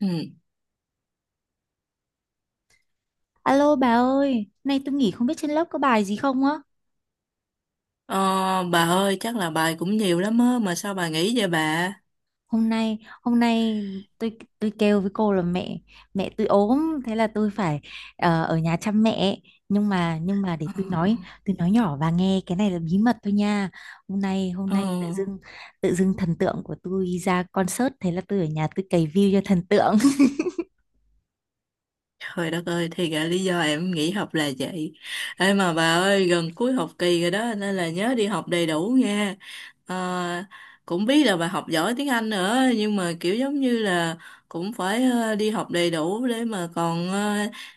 Ừ. Alo bà ơi, nay tôi nghỉ không biết trên lớp có bài gì không á. Ờ, bà ơi chắc là bài cũng nhiều lắm á mà sao bà nghỉ vậy bà? Hôm nay, tôi kêu với cô là mẹ mẹ tôi ốm, thế là tôi phải ở nhà chăm mẹ. Nhưng mà để Ờ, tôi nói nhỏ bà nghe, cái này là bí mật thôi nha. Hôm nay hôm ờ. nay tự dưng thần tượng của tôi ra concert, thế là tôi ở nhà tôi cày view cho thần tượng. Trời đất ơi thì ra lý do em nghỉ học là vậy. Ê mà bà ơi gần cuối học kỳ rồi đó nên là nhớ đi học đầy đủ nha. Ờ, cũng biết là bà học giỏi tiếng Anh nữa nhưng mà kiểu giống như là cũng phải đi học đầy đủ để mà còn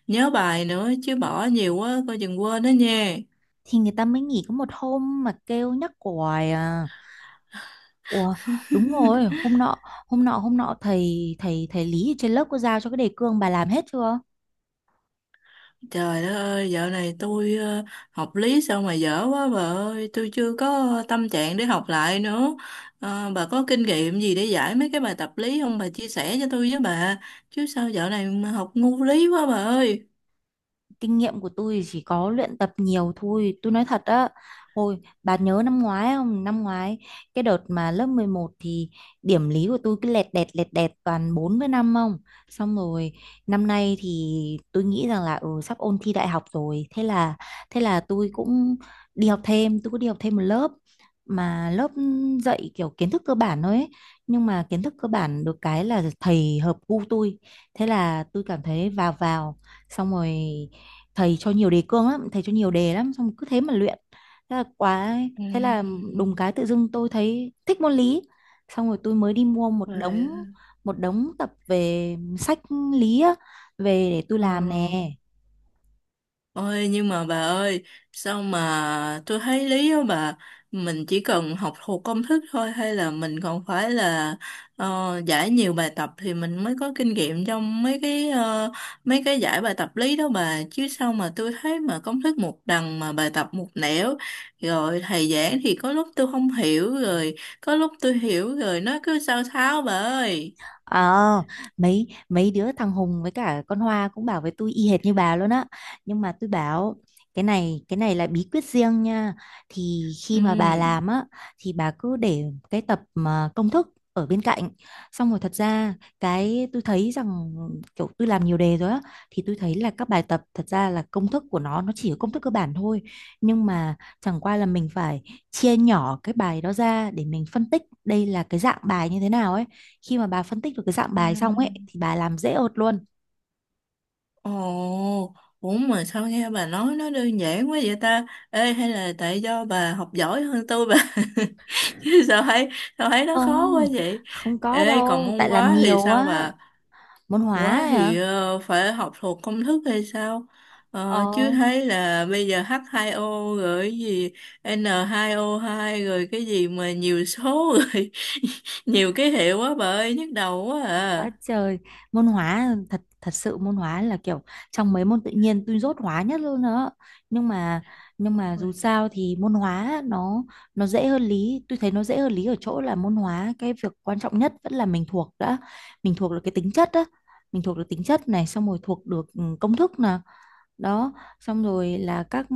nhớ bài nữa chứ bỏ nhiều quá coi chừng quên đó nha. Thì người ta mới nghỉ có một hôm mà kêu nhắc hoài à. Ủa, đúng rồi, hôm nọ thầy thầy thầy Lý ở trên lớp có giao cho cái đề cương, bà làm hết chưa? Trời đất ơi, dạo này tôi học lý sao mà dở quá bà ơi, tôi chưa có tâm trạng để học lại nữa. Bà có kinh nghiệm gì để giải mấy cái bài tập lý không? Bà chia sẻ cho tôi với bà. Chứ sao dạo này mà học ngu lý quá bà ơi. Kinh nghiệm của tôi chỉ có luyện tập nhiều thôi, tôi nói thật á. Hồi bà nhớ năm ngoái không, năm ngoái cái đợt mà lớp 11 thì điểm lý của tôi cứ lẹt đẹt toàn 4 với 5 không. Xong rồi năm nay thì tôi nghĩ rằng là ừ, sắp ôn thi đại học rồi, thế là tôi cũng đi học thêm, tôi có đi học thêm một lớp, mà lớp dạy kiểu kiến thức cơ bản thôi ấy. Nhưng mà kiến thức cơ bản được cái là thầy hợp gu tôi, thế là tôi cảm thấy vào vào, xong rồi thầy cho nhiều đề cương lắm, thầy cho nhiều đề lắm, xong cứ thế mà luyện, thế là quá. Thế là đùng Ừm. cái tự dưng tôi thấy thích môn lý, xong rồi tôi mới đi mua một đống Về. một đống tập về, sách lý á, về để tôi Ờ. làm nè. Ôi nhưng mà bà ơi sao mà tôi thấy lý đó bà mình chỉ cần học thuộc công thức thôi hay là mình còn phải là ờ, giải nhiều bài tập thì mình mới có kinh nghiệm trong mấy cái mấy cái giải bài tập lý đó bà, chứ sao mà tôi thấy mà công thức một đằng mà bài tập một nẻo, rồi thầy giảng thì có lúc tôi không hiểu rồi có lúc tôi hiểu rồi nó cứ sao tháo bà ơi, Ờ, mấy mấy đứa thằng Hùng với cả con Hoa cũng bảo với tôi y hệt như bà luôn á. Nhưng mà tôi bảo cái này là bí quyết riêng nha. Thì khi mà bà ừ. làm á thì bà cứ để cái tập mà công thức ở bên cạnh. Xong rồi thật ra cái tôi thấy rằng kiểu tôi làm nhiều đề rồi á, thì tôi thấy là các bài tập thật ra là công thức của nó chỉ có công thức cơ bản thôi. Nhưng mà chẳng qua là mình phải chia nhỏ cái bài đó ra để mình phân tích đây là cái dạng bài như thế nào ấy. Khi mà bà phân tích được cái dạng Ừ. bài xong ấy thì bà làm dễ ợt luôn. Ồ, ủa mà sao nghe bà nói nó đơn giản quá vậy ta? Ê, hay là tại do bà học giỏi hơn tôi bà? Chứ sao thấy nó khó Không, quá vậy? không có Ê, còn đâu, môn tại làm hóa thì nhiều sao á. bà? Môn hóa Hóa ấy hả? thì phải học thuộc công thức hay sao? Ờ, Ờ. chứ thấy là bây giờ H2O rồi cái gì N2O2 rồi cái gì mà nhiều số rồi nhiều ký hiệu quá bà ơi nhức đầu quá Quá à. trời, môn hóa thật thật sự, môn hóa là kiểu trong mấy môn tự nhiên tôi dốt hóa nhất luôn đó. Nhưng mà nhưng mà dù Ôi. sao thì môn hóa nó dễ hơn lý, tôi thấy nó dễ hơn lý ở chỗ là môn hóa cái việc quan trọng nhất vẫn là mình thuộc đã, mình thuộc được cái tính chất đó, mình thuộc được tính chất này, xong rồi thuộc được ừ, công thức nè, đó, xong rồi là các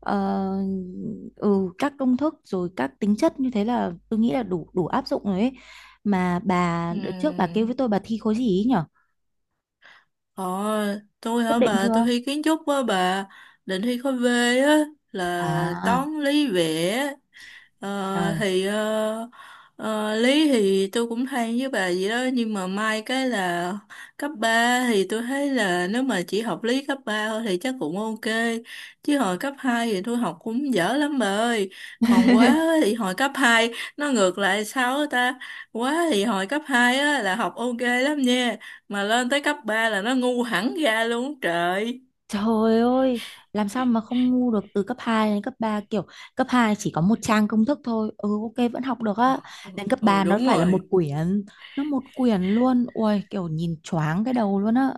ờ, ừ các công thức rồi các tính chất, như thế là tôi nghĩ là đủ đủ áp dụng rồi ấy. Mà bà Ừ. đợt trước bà kêu với tôi bà thi khối gì ý nhở, Ờ, tôi quyết hả định bà, tôi chưa? thi kiến trúc á bà, định thi khối V á, là À toán lý vẽ, trời. thì lý thì tôi cũng hay với bà vậy đó, nhưng mà may cái là cấp 3 thì tôi thấy là nếu mà chỉ học lý cấp 3 thôi thì chắc cũng ok, chứ hồi cấp 2 thì tôi học cũng dở lắm bà ơi, còn quá thì hồi cấp 2 nó ngược lại sao á ta, quá thì hồi cấp 2 á là học ok lắm nha mà lên tới cấp 3 là nó ngu hẳn ra luôn á trời. Trời ơi, làm sao mà không ngu được, từ cấp 2 đến cấp 3 kiểu cấp 2 chỉ có một trang công thức thôi. Ừ ok vẫn học được á. Ừ, Đến cấp ừ 3 nó đúng phải là một rồi. quyển, nó một quyển luôn. Ui kiểu nhìn choáng cái đầu luôn á.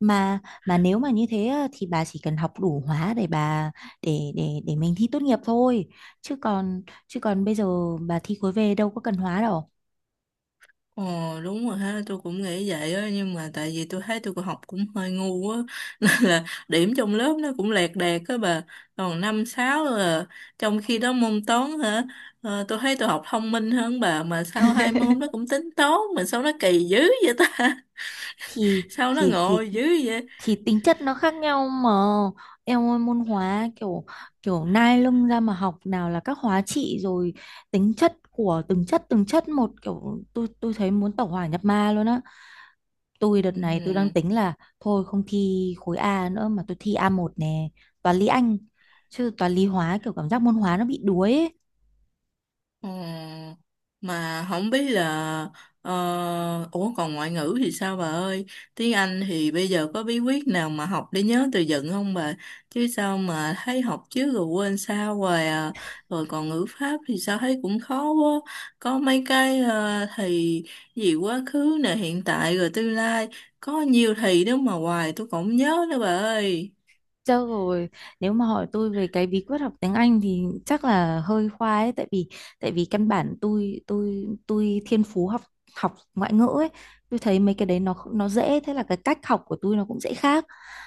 mà mà nếu mà như thế á, thì bà chỉ cần học đủ hóa để bà để mình thi tốt nghiệp thôi, chứ còn chứ còn bây giờ bà thi khối về đâu có cần hóa đâu. Ờ đúng rồi ha, tôi cũng nghĩ vậy á nhưng mà tại vì tôi thấy tôi cũng học cũng hơi ngu á nên là điểm trong lớp nó cũng lẹt đẹt á bà, còn năm sáu là trong khi đó môn toán hả, tôi thấy tôi học thông minh hơn bà mà sao hai môn nó cũng tính toán mà sao nó kỳ dữ vậy ta thì sao nó thì thì ngồi dữ vậy, thì tính chất nó khác nhau mà, em ơi. Môn hóa kiểu kiểu nai lưng ra mà học, nào là các hóa trị, rồi tính chất của từng chất một, kiểu tôi thấy muốn tẩu hỏa nhập ma luôn á. Tôi đợt ừ. này tôi đang tính là thôi không thi khối A nữa, mà tôi thi A1 nè, toán lý Anh. Chứ toán lý hóa kiểu cảm giác môn hóa nó bị đuối ấy. Ờ, mà không biết là ờ, ủa còn ngoại ngữ thì sao bà ơi? Tiếng Anh thì bây giờ có bí quyết nào mà học để nhớ từ vựng không bà? Chứ sao mà thấy học trước rồi quên sao hoài à. Rồi còn ngữ pháp thì sao thấy cũng khó quá. Có mấy cái thì gì quá khứ nè, hiện tại rồi tương lai. Có nhiều thì đó mà hoài tôi cũng không nhớ nữa bà ơi. Chứ rồi nếu mà hỏi tôi về cái bí quyết học tiếng Anh thì chắc là hơi khoai ấy, tại vì căn bản tôi thiên phú học học ngoại ngữ ấy. Tôi thấy mấy cái đấy nó dễ, thế là cái cách học của tôi nó cũng dễ khác.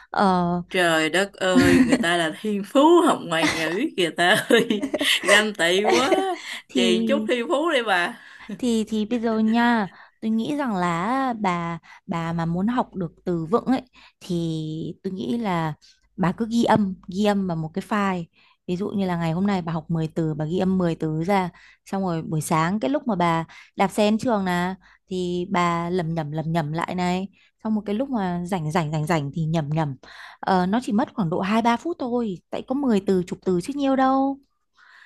Ờ. Trời đất ơi, người ta là thiên phú học ngoại ngữ kìa ta ơi, ganh tị quá, thì chèn chút thiên phú đi bà. thì bây giờ nha, tôi nghĩ rằng là bà mà muốn học được từ vựng ấy, thì tôi nghĩ là bà cứ ghi âm vào một cái file, ví dụ như là ngày hôm nay bà học 10 từ, bà ghi âm 10 từ ra, xong rồi buổi sáng cái lúc mà bà đạp xe đến trường là thì bà lẩm nhẩm lại này, xong một cái lúc mà rảnh rảnh rảnh rảnh thì nhẩm nhẩm, nó chỉ mất khoảng độ 2-3 phút thôi, tại có 10 từ chục từ chứ nhiều đâu,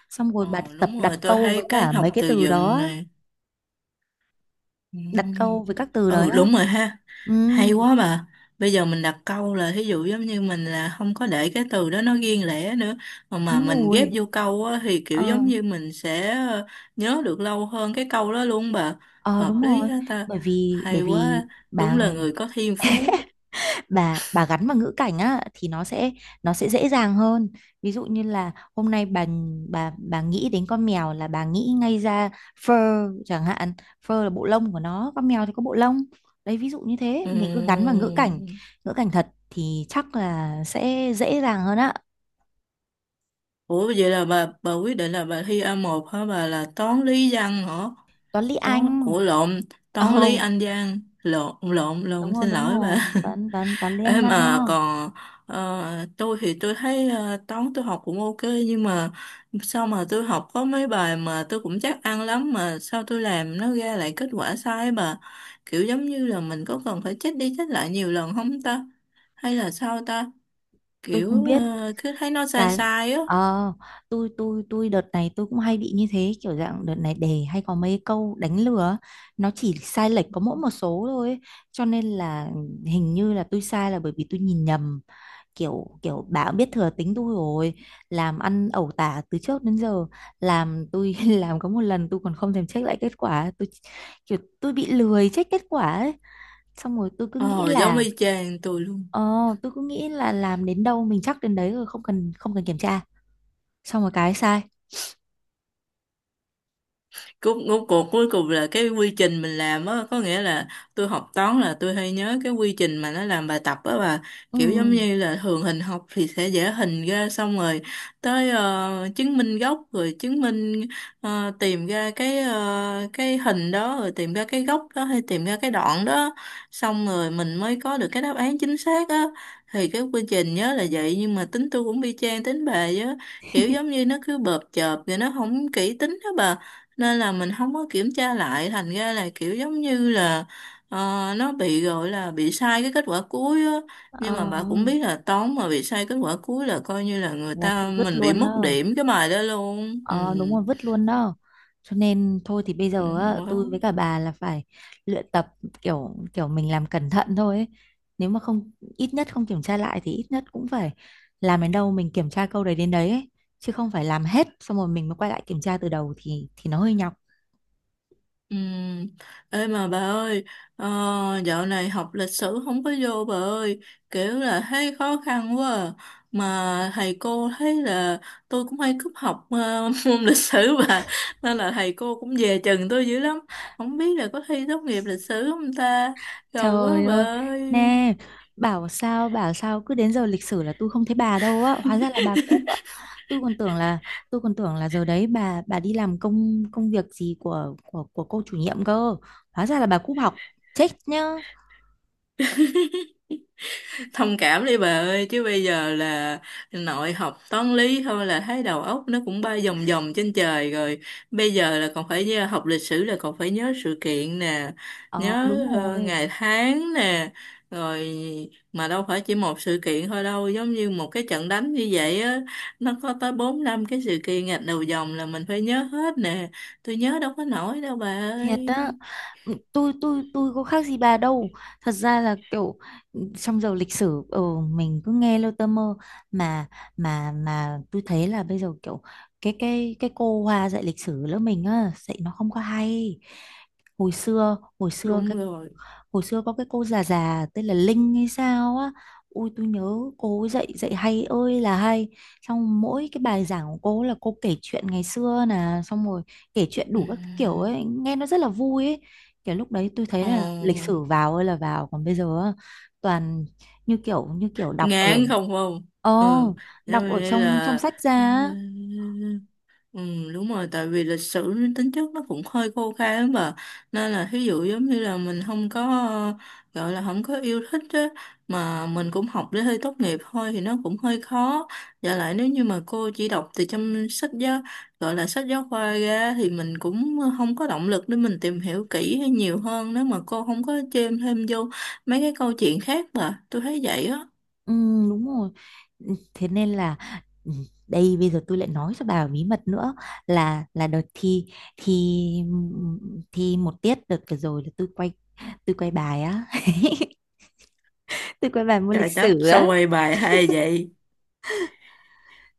xong rồi bà Ồ tập đúng đặt rồi, tôi câu thấy với cái cả mấy học cái từ từ vựng đó, này. đặt câu Ừ. với các từ đấy Ừ, á. đúng rồi ha, Ừ, hay quá bà. Bây giờ mình đặt câu là thí dụ giống như mình là không có để cái từ đó nó riêng lẻ nữa, mà đúng mình ghép rồi. vô câu á, thì kiểu ờ giống như mình sẽ nhớ được lâu hơn cái câu đó luôn bà. ờ Hợp Đúng lý rồi, hết ta, bởi vì bởi hay vì quá, bà đúng là người có thiên phú. bà gắn vào ngữ cảnh á thì nó sẽ dễ dàng hơn. Ví dụ như là hôm nay bà nghĩ đến con mèo là bà nghĩ ngay ra fur chẳng hạn, fur là bộ lông của nó, con mèo thì có bộ lông, đấy ví dụ như thế, mình cứ gắn vào ngữ cảnh. Ừm. Ngữ cảnh thật thì chắc là sẽ dễ dàng hơn á. Ủa vậy là bà quyết định là bà thi a một hả bà, là toán lý văn hả? Toán lý Anh. Ủa lộn, toán lý Ồ, Anh văn. Lộn lộn đúng lộn rồi, xin đúng lỗi rồi, bà. toán toán toán lý anh Em văn mà đó. còn tôi thì tôi thấy toán tôi học cũng ok nhưng mà sao mà tôi học có mấy bài mà tôi cũng chắc ăn lắm mà sao tôi làm nó ra lại kết quả sai á bà. Kiểu giống như là mình có cần phải check đi check lại nhiều lần không ta? Hay là sao ta? Tôi không Kiểu biết cứ thấy nó sai cái, sai á. ờ tôi đợt này tôi cũng hay bị như thế, kiểu dạng đợt này đề hay có mấy câu đánh lừa á, nó chỉ sai lệch có mỗi một số thôi ấy, cho nên là hình như là tôi sai là bởi vì tôi nhìn nhầm, kiểu kiểu bà cũng biết thừa tính tôi rồi, làm ăn ẩu tả từ trước đến giờ, làm tôi làm có một lần tôi còn không thèm check lại kết quả, tôi kiểu tôi bị lười check kết quả ấy, xong rồi tôi cứ nghĩ Ờ giống là y chang tôi luôn. ờ làm đến đâu mình chắc đến đấy rồi, không cần kiểm tra, xong rồi cái sai. Cuối cuối cuộc cuối cùng là cái quy trình mình làm á, có nghĩa là tôi học toán là tôi hay nhớ cái quy trình mà nó làm bài tập á, và Ừ. kiểu giống như là thường hình học thì sẽ vẽ hình ra xong rồi tới chứng minh gốc rồi chứng minh tìm ra cái cái hình đó rồi tìm ra cái góc đó hay tìm ra cái đoạn đó xong rồi mình mới có được cái đáp án chính xác á. Thì cái quy trình nhớ là vậy nhưng mà tính tôi cũng y chang tính bà á, kiểu giống như nó cứ bợp chợp rồi nó không kỹ tính đó bà, nên là mình không có kiểm tra lại thành ra là kiểu giống như là ờ, nó bị gọi là bị sai cái kết quả cuối á. Nhưng ờ, mà bà cũng biết là toán mà bị sai kết quả cuối là coi như là người là ta thôi vứt mình bị luôn mất đó. điểm cái bài đó luôn, ừ, Ờ đúng rồi, vứt luôn đó, cho nên thôi thì bây ừ giờ á, quá. tôi với cả bà là phải luyện tập, kiểu kiểu mình làm cẩn thận thôi ấy. Nếu mà không, ít nhất không kiểm tra lại thì ít nhất cũng phải làm đến đâu mình kiểm tra câu đấy đến đấy ấy, chứ không phải làm hết xong rồi mình mới quay lại kiểm tra từ đầu thì nó hơi nháo. Ừ. Ê mà bà ơi, ờ, dạo này học lịch sử không có vô bà ơi, kiểu là thấy khó khăn quá à. Mà thầy cô thấy là tôi cũng hay cúp học môn lịch sử bà, nên là thầy cô cũng dè chừng tôi dữ lắm. Không biết là có thi tốt nghiệp lịch sử không ta, gầu quá Trời bà ơi, ơi. nè, bảo sao cứ đến giờ lịch sử là tôi không thấy bà đâu á, hóa ra là bà cúp á. Tôi còn tưởng là tôi còn tưởng là giờ đấy bà đi làm công công việc gì của cô chủ nhiệm cơ. Hóa ra là bà cúp học. Chết nhá. Thông cảm đi bà ơi chứ bây giờ là nội học toán lý thôi là thấy đầu óc nó cũng bay vòng vòng trên trời rồi, bây giờ là còn phải học lịch sử là còn phải nhớ sự kiện nè, Ờ nhớ đúng rồi. ngày tháng nè, rồi mà đâu phải chỉ một sự kiện thôi đâu, giống như một cái trận đánh như vậy á nó có tới bốn năm cái sự kiện gạch đầu dòng là mình phải nhớ hết nè, tôi nhớ đâu có nổi đâu bà Thiệt á. ơi. Ừ, tôi có khác gì bà đâu. Thật ra là kiểu ừ, trong giờ lịch sử ừ, mình cứ nghe lơ tơ mơ, mà mà tôi thấy là bây giờ kiểu cái cô Hoa dạy lịch sử lớp mình á dạy nó không có hay. Hồi xưa hồi xưa Đúng cái rồi, hồi xưa có cái cô già già tên là Linh hay sao á, ui tôi nhớ cô dạy dạy hay ơi là hay, xong mỗi cái bài giảng của cô là cô kể chuyện ngày xưa nè, xong rồi kể chuyện ừ. đủ các kiểu ấy, nghe nó rất là vui ấy, kiểu lúc đấy tôi thấy Ờ. là lịch sử vào ơi là vào, còn bây giờ á, toàn như kiểu đọc ở. Ngán, không không, Ồ, ừ, cho đọc ở nên trong trong là sách ra ờ, á. ừ đúng rồi, tại vì lịch sử nó tính chất nó cũng hơi khô khan mà, nên là thí dụ giống như là mình không có gọi là không có yêu thích á mà mình cũng học để hơi tốt nghiệp thôi thì nó cũng hơi khó, và lại nếu như mà cô chỉ đọc từ trong sách giáo gọi là sách giáo khoa ra thì mình cũng không có động lực để mình tìm hiểu kỹ hay nhiều hơn nếu mà cô không có chêm thêm vô mấy cái câu chuyện khác, mà tôi thấy vậy á. Ừ, đúng rồi. Ừ, thế nên là ừ, đây bây giờ tôi lại nói cho bà bí mật nữa, là đợt thi, thi thi một tiết đợt vừa rồi là tôi quay, bài á, tôi quay bài môn Trời lịch đất, sử sao á. quay bài hay vậy?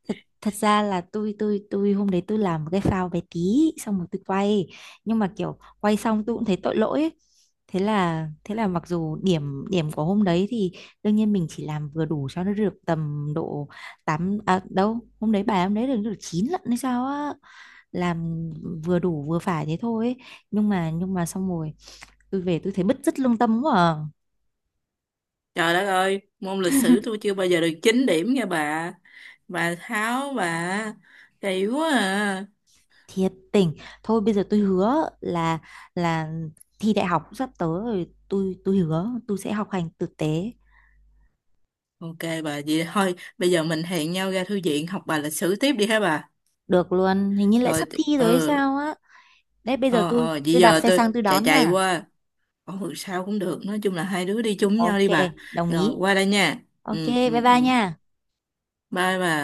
Thật thật ra là tôi hôm đấy tôi làm một cái phao bé tí, xong rồi tôi quay, nhưng mà kiểu quay xong tôi cũng thấy tội lỗi ấy. Thế là mặc dù điểm điểm của hôm đấy thì đương nhiên mình chỉ làm vừa đủ cho nó được tầm độ 8, à đâu hôm đấy bài hôm đấy được được 9 lận hay sao á, làm vừa đủ vừa phải thế thôi ấy. Nhưng mà xong rồi tôi về tôi thấy bứt rứt lương tâm quá à. Trời đất ơi, môn lịch sử tôi chưa bao giờ được 9 điểm nha bà. Bà Tháo, bà. Kỳ quá à. Thiệt tình thôi bây giờ tôi hứa là thi đại học sắp tới rồi, tôi hứa tôi sẽ học hành tử tế. Ok bà, vậy thôi, bây giờ mình hẹn nhau ra thư viện học bài lịch sử tiếp đi hả bà? Được luôn, hình như lại Rồi, sắp thi rồi hay ừ, sao á, đấy bây giờ tôi ờ, vậy tôi đạp giờ xe tôi sang tôi chạy đón chạy nha. qua. Ừ, sao cũng được, nói chung là hai đứa đi chung với nhau Ok, đi bà. đồng Rồi, ý. qua đây nha. Ok, Ừ, bye ừ, bye ừ. nha. Bye bà.